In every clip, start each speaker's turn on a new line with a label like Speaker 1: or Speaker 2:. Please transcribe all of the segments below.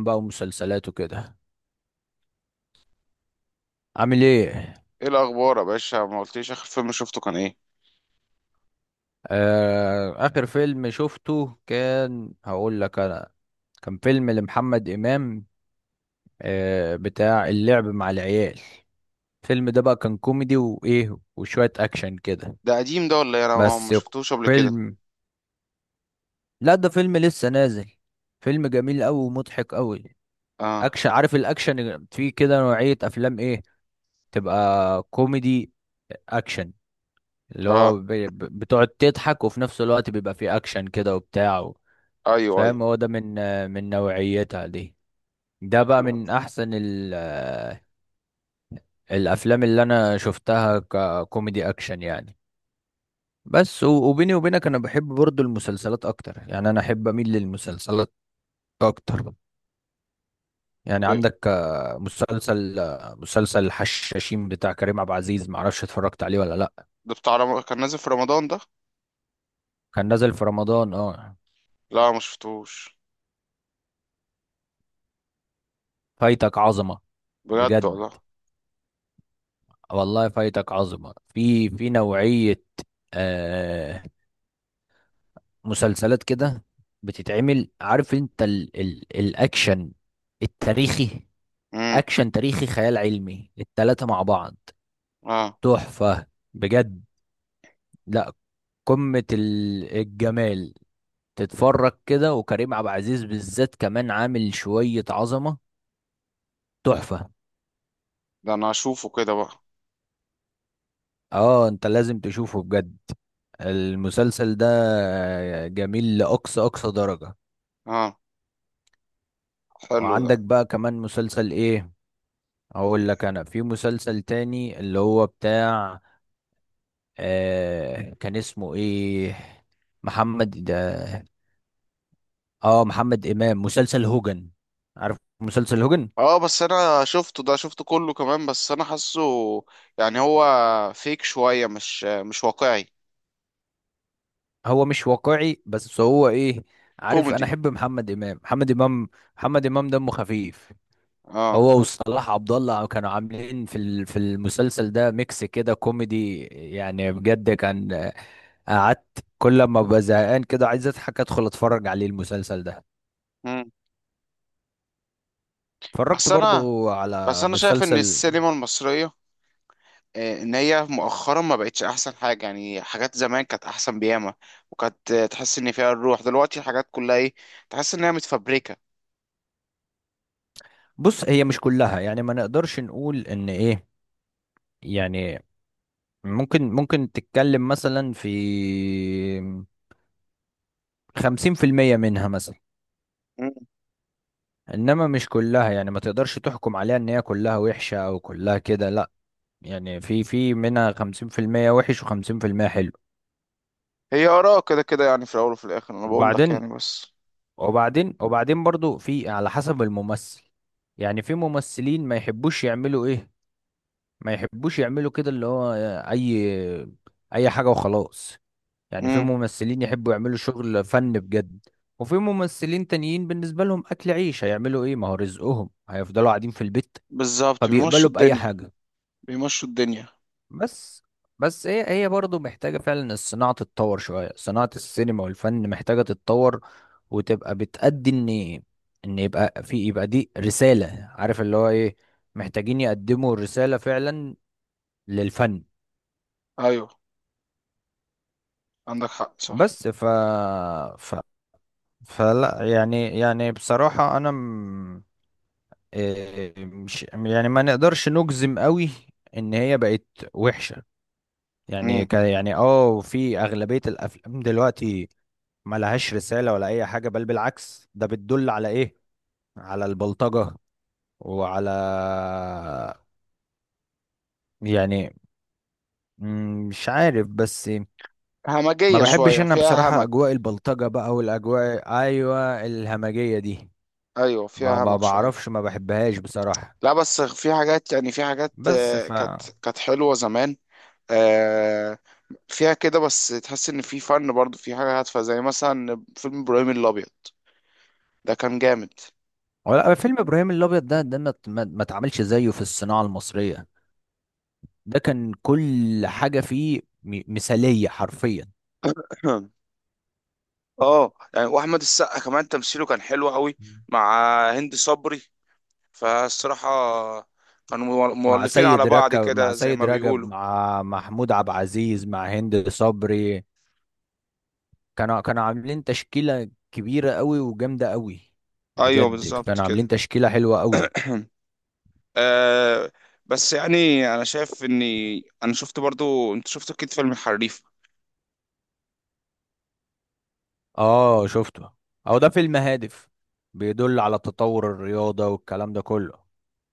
Speaker 1: بقى ومسلسلات وكده. عامل ايه؟
Speaker 2: ايه الاخبار يا باشا؟ ما قلتليش اخر فيلم شفته كان ايه.
Speaker 1: آه، اخر فيلم شفته كان هقول لك انا. كان فيلم لمحمد امام. بتاع اللعب مع العيال. الفيلم ده بقى كان كوميدي وايه وشوية اكشن كده.
Speaker 2: ده قديم ده ولا ايه؟ انا ما
Speaker 1: بس يق-
Speaker 2: شفتوش قبل كده.
Speaker 1: فيلم، لا ده فيلم لسه نازل. فيلم جميل قوي ومضحك قوي.
Speaker 2: اه.
Speaker 1: اكشن، عارف الاكشن فيه كده نوعية افلام ايه؟ تبقى كوميدي اكشن، اللي هو
Speaker 2: اه،
Speaker 1: بتقعد تضحك، وفي نفس الوقت بيبقى فيه اكشن كده وبتاع
Speaker 2: ايوه ايوه.
Speaker 1: فاهم. هو ده من من نوعيتها دي. ده بقى من احسن ال آه، الافلام اللي انا شفتها ككوميدي اكشن يعني. وبيني وبينك انا بحب برضو المسلسلات اكتر، يعني انا احب اميل للمسلسلات اكتر. يعني
Speaker 2: ب-
Speaker 1: عندك مسلسل مسلسل الحشاشين بتاع كريم عبد العزيز، معرفش اتفرجت عليه ولا لا.
Speaker 2: ده بتاع كان نازل في رمضان ده؟
Speaker 1: كان نازل في رمضان، اه.
Speaker 2: لا ما شفتوش
Speaker 1: فايتك عظمة.
Speaker 2: بجد
Speaker 1: بجد
Speaker 2: والله.
Speaker 1: والله، فايتك عظمة في نوعية آه مسلسلات كده بتتعمل. عارف انت ال الأكشن التاريخي.
Speaker 2: امم.
Speaker 1: أكشن تاريخي خيال علمي، التلاتة مع بعض.
Speaker 2: اه.
Speaker 1: تحفة، بجد. لا، قمة الجمال. تتفرج كده، وكريم عبد العزيز بالذات كمان عامل شوية عظمة. تحفة.
Speaker 2: ده انا اشوفه كده بقى.
Speaker 1: اه انت لازم تشوفه بجد المسلسل ده. جميل لأقصى أقصى درجة.
Speaker 2: اه، حلو ده.
Speaker 1: وعندك بقى كمان مسلسل ايه، اقول لك انا، في مسلسل تاني اللي هو بتاع كان اسمه ايه؟ محمد اه، محمد امام، مسلسل هوجن. عارف مسلسل هوجن؟
Speaker 2: اه بس انا شفته، ده شفته كله كمان، بس انا حاسه يعني هو فيك شوية مش واقعي.
Speaker 1: هو مش واقعي بس هو ايه، عارف انا
Speaker 2: كوميدي.
Speaker 1: احب محمد امام. محمد امام دمه خفيف.
Speaker 2: اه.
Speaker 1: هو وصلاح عبد الله كانوا عاملين في في المسلسل ده ميكس كده كوميدي، يعني بجد كان. قعدت كل ما ببقى زهقان كده عايز اضحك ادخل اتفرج عليه المسلسل ده.
Speaker 2: امم.
Speaker 1: اتفرجت
Speaker 2: بس انا
Speaker 1: برضو
Speaker 2: بس
Speaker 1: على
Speaker 2: انا شايف ان
Speaker 1: مسلسل.
Speaker 2: السينما المصرية، ان هي مؤخرا ما بقتش احسن حاجه، يعني حاجات زمان كانت احسن بياما، وكانت تحس ان فيها الروح، دلوقتي الحاجات كلها ايه، تحس انها متفبركه.
Speaker 1: بص هي مش كلها، يعني ما نقدرش نقول ان ايه، يعني ممكن تتكلم مثلا في 50% منها مثلا.
Speaker 2: مم.
Speaker 1: انما مش كلها، يعني ما تقدرش تحكم عليها ان هي كلها وحشة او كلها كده، لا. يعني في في منها 50% وحش وخمسين في المية حلو.
Speaker 2: هي اراء كده كده، يعني في الاول وفي الاخر انا بقول لك
Speaker 1: وبعدين
Speaker 2: يعني بس.
Speaker 1: وبعدين برضو في على حسب الممثل. يعني في ممثلين ما يحبوش يعملوا ايه، ما يحبوش يعملوا كده، اللي هو اي اي حاجة وخلاص. يعني في
Speaker 2: امم.
Speaker 1: ممثلين يحبوا يعملوا شغل فن بجد، وفي ممثلين تانيين بالنسبة لهم اكل عيش، هيعملوا ايه، ما هو رزقهم، هيفضلوا قاعدين في البيت؟
Speaker 2: بالظبط، بيمشوا
Speaker 1: فبيقبلوا بأي
Speaker 2: الدنيا.
Speaker 1: حاجة.
Speaker 2: بيمشوا الدنيا.
Speaker 1: بس، بس هي برضه محتاجة فعلا الصناعة تتطور شوية، صناعة السينما والفن محتاجة تتطور وتبقى بتأدي ان يبقى يبقى دي رسالة. عارف اللي هو ايه، محتاجين يقدموا الرسالة فعلا للفن.
Speaker 2: ايوه، عندك حق، صح.
Speaker 1: بس ف ف فلا يعني، بصراحة إيه، مش يعني ما نقدرش نجزم قوي ان هي بقت وحشة. يعني
Speaker 2: امم.
Speaker 1: يعني اه في اغلبية الافلام دلوقتي ما لهاش رسالة ولا أي حاجة، بل بالعكس ده بتدل على إيه؟ على البلطجة وعلى، يعني، مش عارف. بس ما
Speaker 2: همجيه
Speaker 1: بحبش
Speaker 2: شويه،
Speaker 1: أنا
Speaker 2: فيها
Speaker 1: بصراحة
Speaker 2: همج.
Speaker 1: أجواء البلطجة بقى والأجواء، أيوة، الهمجية دي.
Speaker 2: ايوه
Speaker 1: ما
Speaker 2: فيها
Speaker 1: ما
Speaker 2: همج شويه.
Speaker 1: بعرفش، ما بحبهاش بصراحة.
Speaker 2: لا بس في حاجات، يعني في حاجات
Speaker 1: بس ف
Speaker 2: كانت كانت حلوه زمان، فيها كده، بس تحس ان في فن برضه، في حاجه هادفه، زي مثلا فيلم ابراهيم الابيض، ده كان جامد.
Speaker 1: ولا فيلم إبراهيم الأبيض، ده ما اتعملش زيه في الصناعة المصرية. ده كان كل حاجة فيه مثالية حرفيا.
Speaker 2: اه يعني، واحمد السقا كمان تمثيله كان حلو قوي، مع هند صبري، فالصراحه كانوا مؤلفين على بعض
Speaker 1: مع
Speaker 2: كده زي
Speaker 1: سيد
Speaker 2: ما
Speaker 1: رجب،
Speaker 2: بيقولوا.
Speaker 1: مع محمود عبد العزيز، مع هند صبري. كانوا عاملين تشكيلة كبيرة قوي وجامدة قوي.
Speaker 2: ايوه
Speaker 1: بجد
Speaker 2: بالظبط
Speaker 1: كانوا عاملين
Speaker 2: كده.
Speaker 1: تشكيلة حلوة قوي.
Speaker 2: آه، بس يعني انا شايف اني، انا شفت برضو، انت شفت اكيد فيلم الحريف.
Speaker 1: اه شفته. هو ده فيلم هادف، بيدل على تطور الرياضة والكلام ده كله.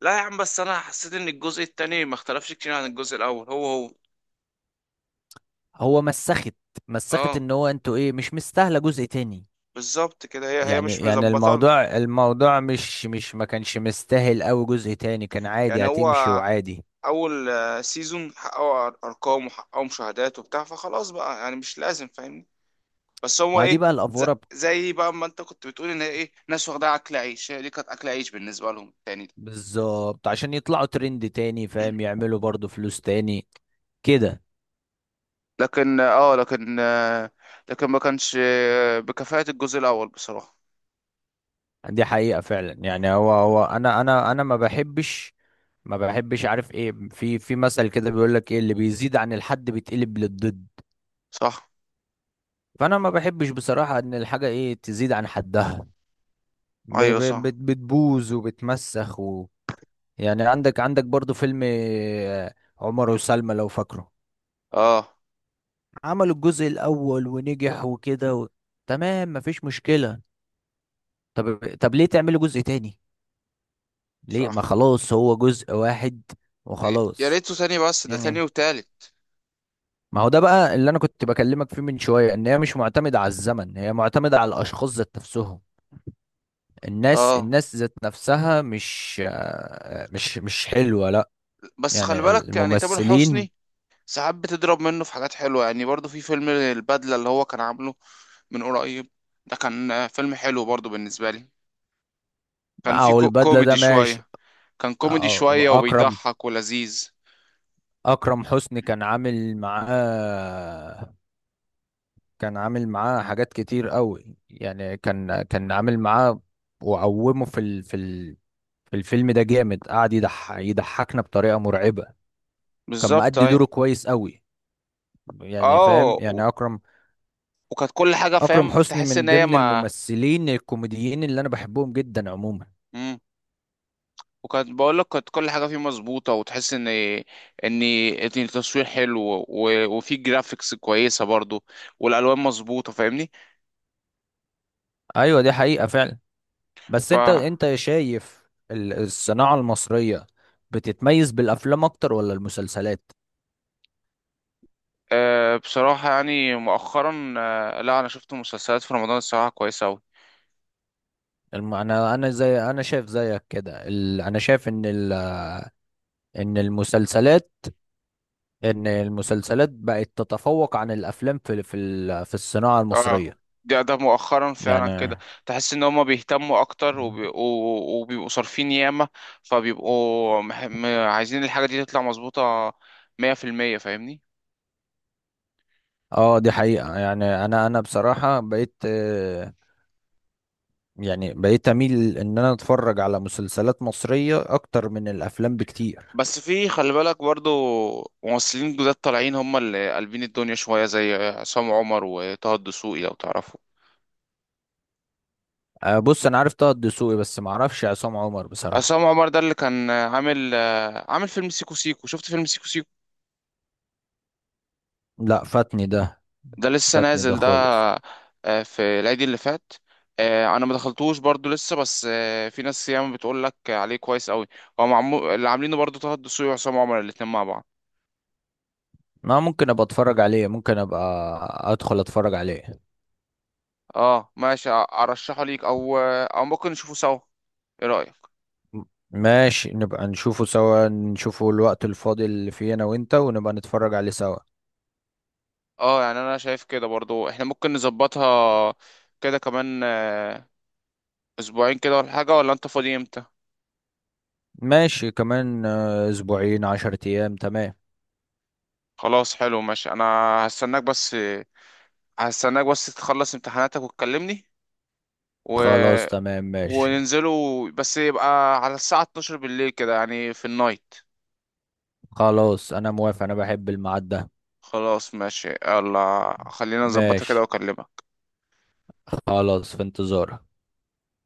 Speaker 2: لا يا عم، بس انا حسيت ان الجزء التاني ما اختلفش كتير عن الجزء الاول، هو.
Speaker 1: هو مسخت، مسخت
Speaker 2: اه
Speaker 1: ان هو انتوا ايه، مش مستاهلة جزء تاني.
Speaker 2: بالظبط كده، هي
Speaker 1: يعني
Speaker 2: مش
Speaker 1: يعني
Speaker 2: مظبطه.
Speaker 1: الموضوع، الموضوع مش ما كانش مستاهل قوي جزء تاني، كان
Speaker 2: يعني
Speaker 1: عادي
Speaker 2: هو
Speaker 1: هتمشي وعادي.
Speaker 2: اول سيزون حققوا ارقام وحققوا مشاهدات وبتاع، فخلاص بقى يعني مش لازم، فاهمني؟ بس هو
Speaker 1: ما دي
Speaker 2: ايه،
Speaker 1: بقى
Speaker 2: ز-
Speaker 1: الافوره.
Speaker 2: زي بقى ما انت كنت بتقول ان ايه، ناس واخدها اكل عيش، هي دي كانت اكل عيش بالنسبه لهم التاني ده.
Speaker 1: بالظبط، عشان يطلعوا ترند تاني فاهم، يعملوا برضو فلوس تاني كده.
Speaker 2: لكن اه، لكن لكن ما كانش بكفاءة الجزء الاول بصراحه.
Speaker 1: دي حقيقة فعلا. يعني هو انا ما بحبش. عارف ايه، في في مثل كده بيقول لك ايه: اللي بيزيد عن الحد بيتقلب للضد.
Speaker 2: صح.
Speaker 1: فانا ما بحبش بصراحة ان الحاجة ايه تزيد عن حدها،
Speaker 2: ايوه صح.
Speaker 1: بتبوظ وبتمسخ يعني عندك عندك برضو فيلم عمر وسلمى لو فاكره.
Speaker 2: اه
Speaker 1: عملوا الجزء الاول ونجح وكده تمام، مفيش مشكلة. طب ليه تعمله جزء تاني؟ ليه ما
Speaker 2: صح.
Speaker 1: خلاص هو جزء واحد
Speaker 2: يا
Speaker 1: وخلاص.
Speaker 2: ريته تاني، بس ده
Speaker 1: يعني
Speaker 2: تاني وتالت.
Speaker 1: ما هو ده بقى اللي انا كنت بكلمك فيه من شوية، ان هي مش معتمدة على الزمن، هي معتمدة على الاشخاص ذات نفسهم. الناس
Speaker 2: اه
Speaker 1: الناس ذات نفسها، مش مش حلوة، لا.
Speaker 2: بس خلي
Speaker 1: يعني
Speaker 2: بالك، يعني تامر
Speaker 1: الممثلين.
Speaker 2: حسني ساعات بتضرب منه في حاجات حلوة، يعني برضو في فيلم البدلة اللي هو كان عامله من قريب، ده كان فيلم حلو برضو بالنسبة لي، كان في
Speaker 1: او
Speaker 2: كو
Speaker 1: البدلة
Speaker 2: كوميدي
Speaker 1: ده ماشي.
Speaker 2: شوية، كان
Speaker 1: أ-
Speaker 2: كوميدي
Speaker 1: أ-
Speaker 2: شوية
Speaker 1: اكرم
Speaker 2: وبيضحك ولذيذ.
Speaker 1: اكرم حسني كان عامل معاه، كان عامل معاه حاجات كتير قوي يعني. كان عامل معاه وقومه في الفيلم ده جامد، يضحكنا بطريقة مرعبة. كان
Speaker 2: بالظبط
Speaker 1: مأدي دوره
Speaker 2: ايوه.
Speaker 1: كويس قوي يعني، فاهم،
Speaker 2: اه،
Speaker 1: يعني أكرم.
Speaker 2: وكانت كل حاجة
Speaker 1: أكرم
Speaker 2: فاهم،
Speaker 1: حسني
Speaker 2: تحس ان
Speaker 1: من
Speaker 2: هي
Speaker 1: ضمن
Speaker 2: ما.
Speaker 1: الممثلين الكوميديين اللي أنا بحبهم جدا عموما.
Speaker 2: مم. وكانت بقول لك، كانت كل حاجة فيه مظبوطة، وتحس ان إن التصوير حلو، وفي جرافيكس كويسة برضو، والالوان مظبوطة، فاهمني؟
Speaker 1: أيوة، دي حقيقة فعلا. بس
Speaker 2: ف،
Speaker 1: أنت شايف الصناعة المصرية بتتميز بالأفلام أكتر ولا المسلسلات؟
Speaker 2: أه بصراحة يعني مؤخرا أه لا، أنا شفت مسلسلات في رمضان الصراحة كويسة أوي.
Speaker 1: أنا زي، أنا شايف زيك كده، أنا شايف إن ان المسلسلات، ان المسلسلات بقت تتفوق عن الافلام في في الصناعه
Speaker 2: اه،
Speaker 1: المصريه
Speaker 2: ده ده مؤخرا فعلا
Speaker 1: يعني.
Speaker 2: كده. تحس إن هما بيهتموا أكتر، وبيبقوا صارفين ياما، فبيبقوا عايزين الحاجة دي تطلع مظبوطة، مية في المية، فاهمني؟
Speaker 1: اه دي حقيقه. يعني انا بصراحه بقيت، يعني بقيت اميل ان انا اتفرج على مسلسلات مصريه اكتر من الافلام بكتير.
Speaker 2: بس في خلي بالك برضو، ممثلين جداد طالعين هما اللي قلبين الدنيا شوية، زي عصام عمر وطه الدسوقي لو تعرفوا.
Speaker 1: بص انا عارف طه الدسوقي بس ما اعرفش عصام عمر بصراحه.
Speaker 2: عصام عمر ده اللي كان عامل، عامل فيلم سيكو سيكو، شفت فيلم سيكو سيكو؟
Speaker 1: لا فاتني ده،
Speaker 2: ده لسه
Speaker 1: فاتني ده
Speaker 2: نازل ده،
Speaker 1: خالص.
Speaker 2: في العيد اللي فات. انا ما دخلتوش برضو لسه، بس في ناس ياما بتقول لك عليه كويس قوي، هو معمول اللي عاملينه برضو طه الدسوقي وعصام عمر الاتنين مع بعض.
Speaker 1: ما ممكن ابقى اتفرج عليه، ممكن ابقى ادخل اتفرج عليه.
Speaker 2: اه ماشي، ارشحه ليك، او او ممكن نشوفه سوا، ايه رايك؟
Speaker 1: ماشي نبقى نشوفه سوا، نشوفه الوقت الفاضي اللي فيه انا وانت، ونبقى نتفرج عليه سوا.
Speaker 2: اه يعني انا شايف كده برضو احنا ممكن نظبطها كده كمان اسبوعين كده ولا حاجه، ولا انت فاضي امتى؟
Speaker 1: ماشي، كمان اسبوعين، 10 ايام تمام.
Speaker 2: خلاص حلو ماشي، انا هستناك بس، هستناك بس تخلص امتحاناتك وتكلمني.
Speaker 1: خلاص
Speaker 2: و
Speaker 1: تمام ماشي.
Speaker 2: وننزلوا، بس يبقى على الساعة 12 بالليل كده يعني في النايت.
Speaker 1: خلاص انا موافق، انا بحب الميعاد ده.
Speaker 2: خلاص ماشي، يلا خلينا نظبطها كده
Speaker 1: ماشي
Speaker 2: واكلمك.
Speaker 1: خلاص، في انتظارك.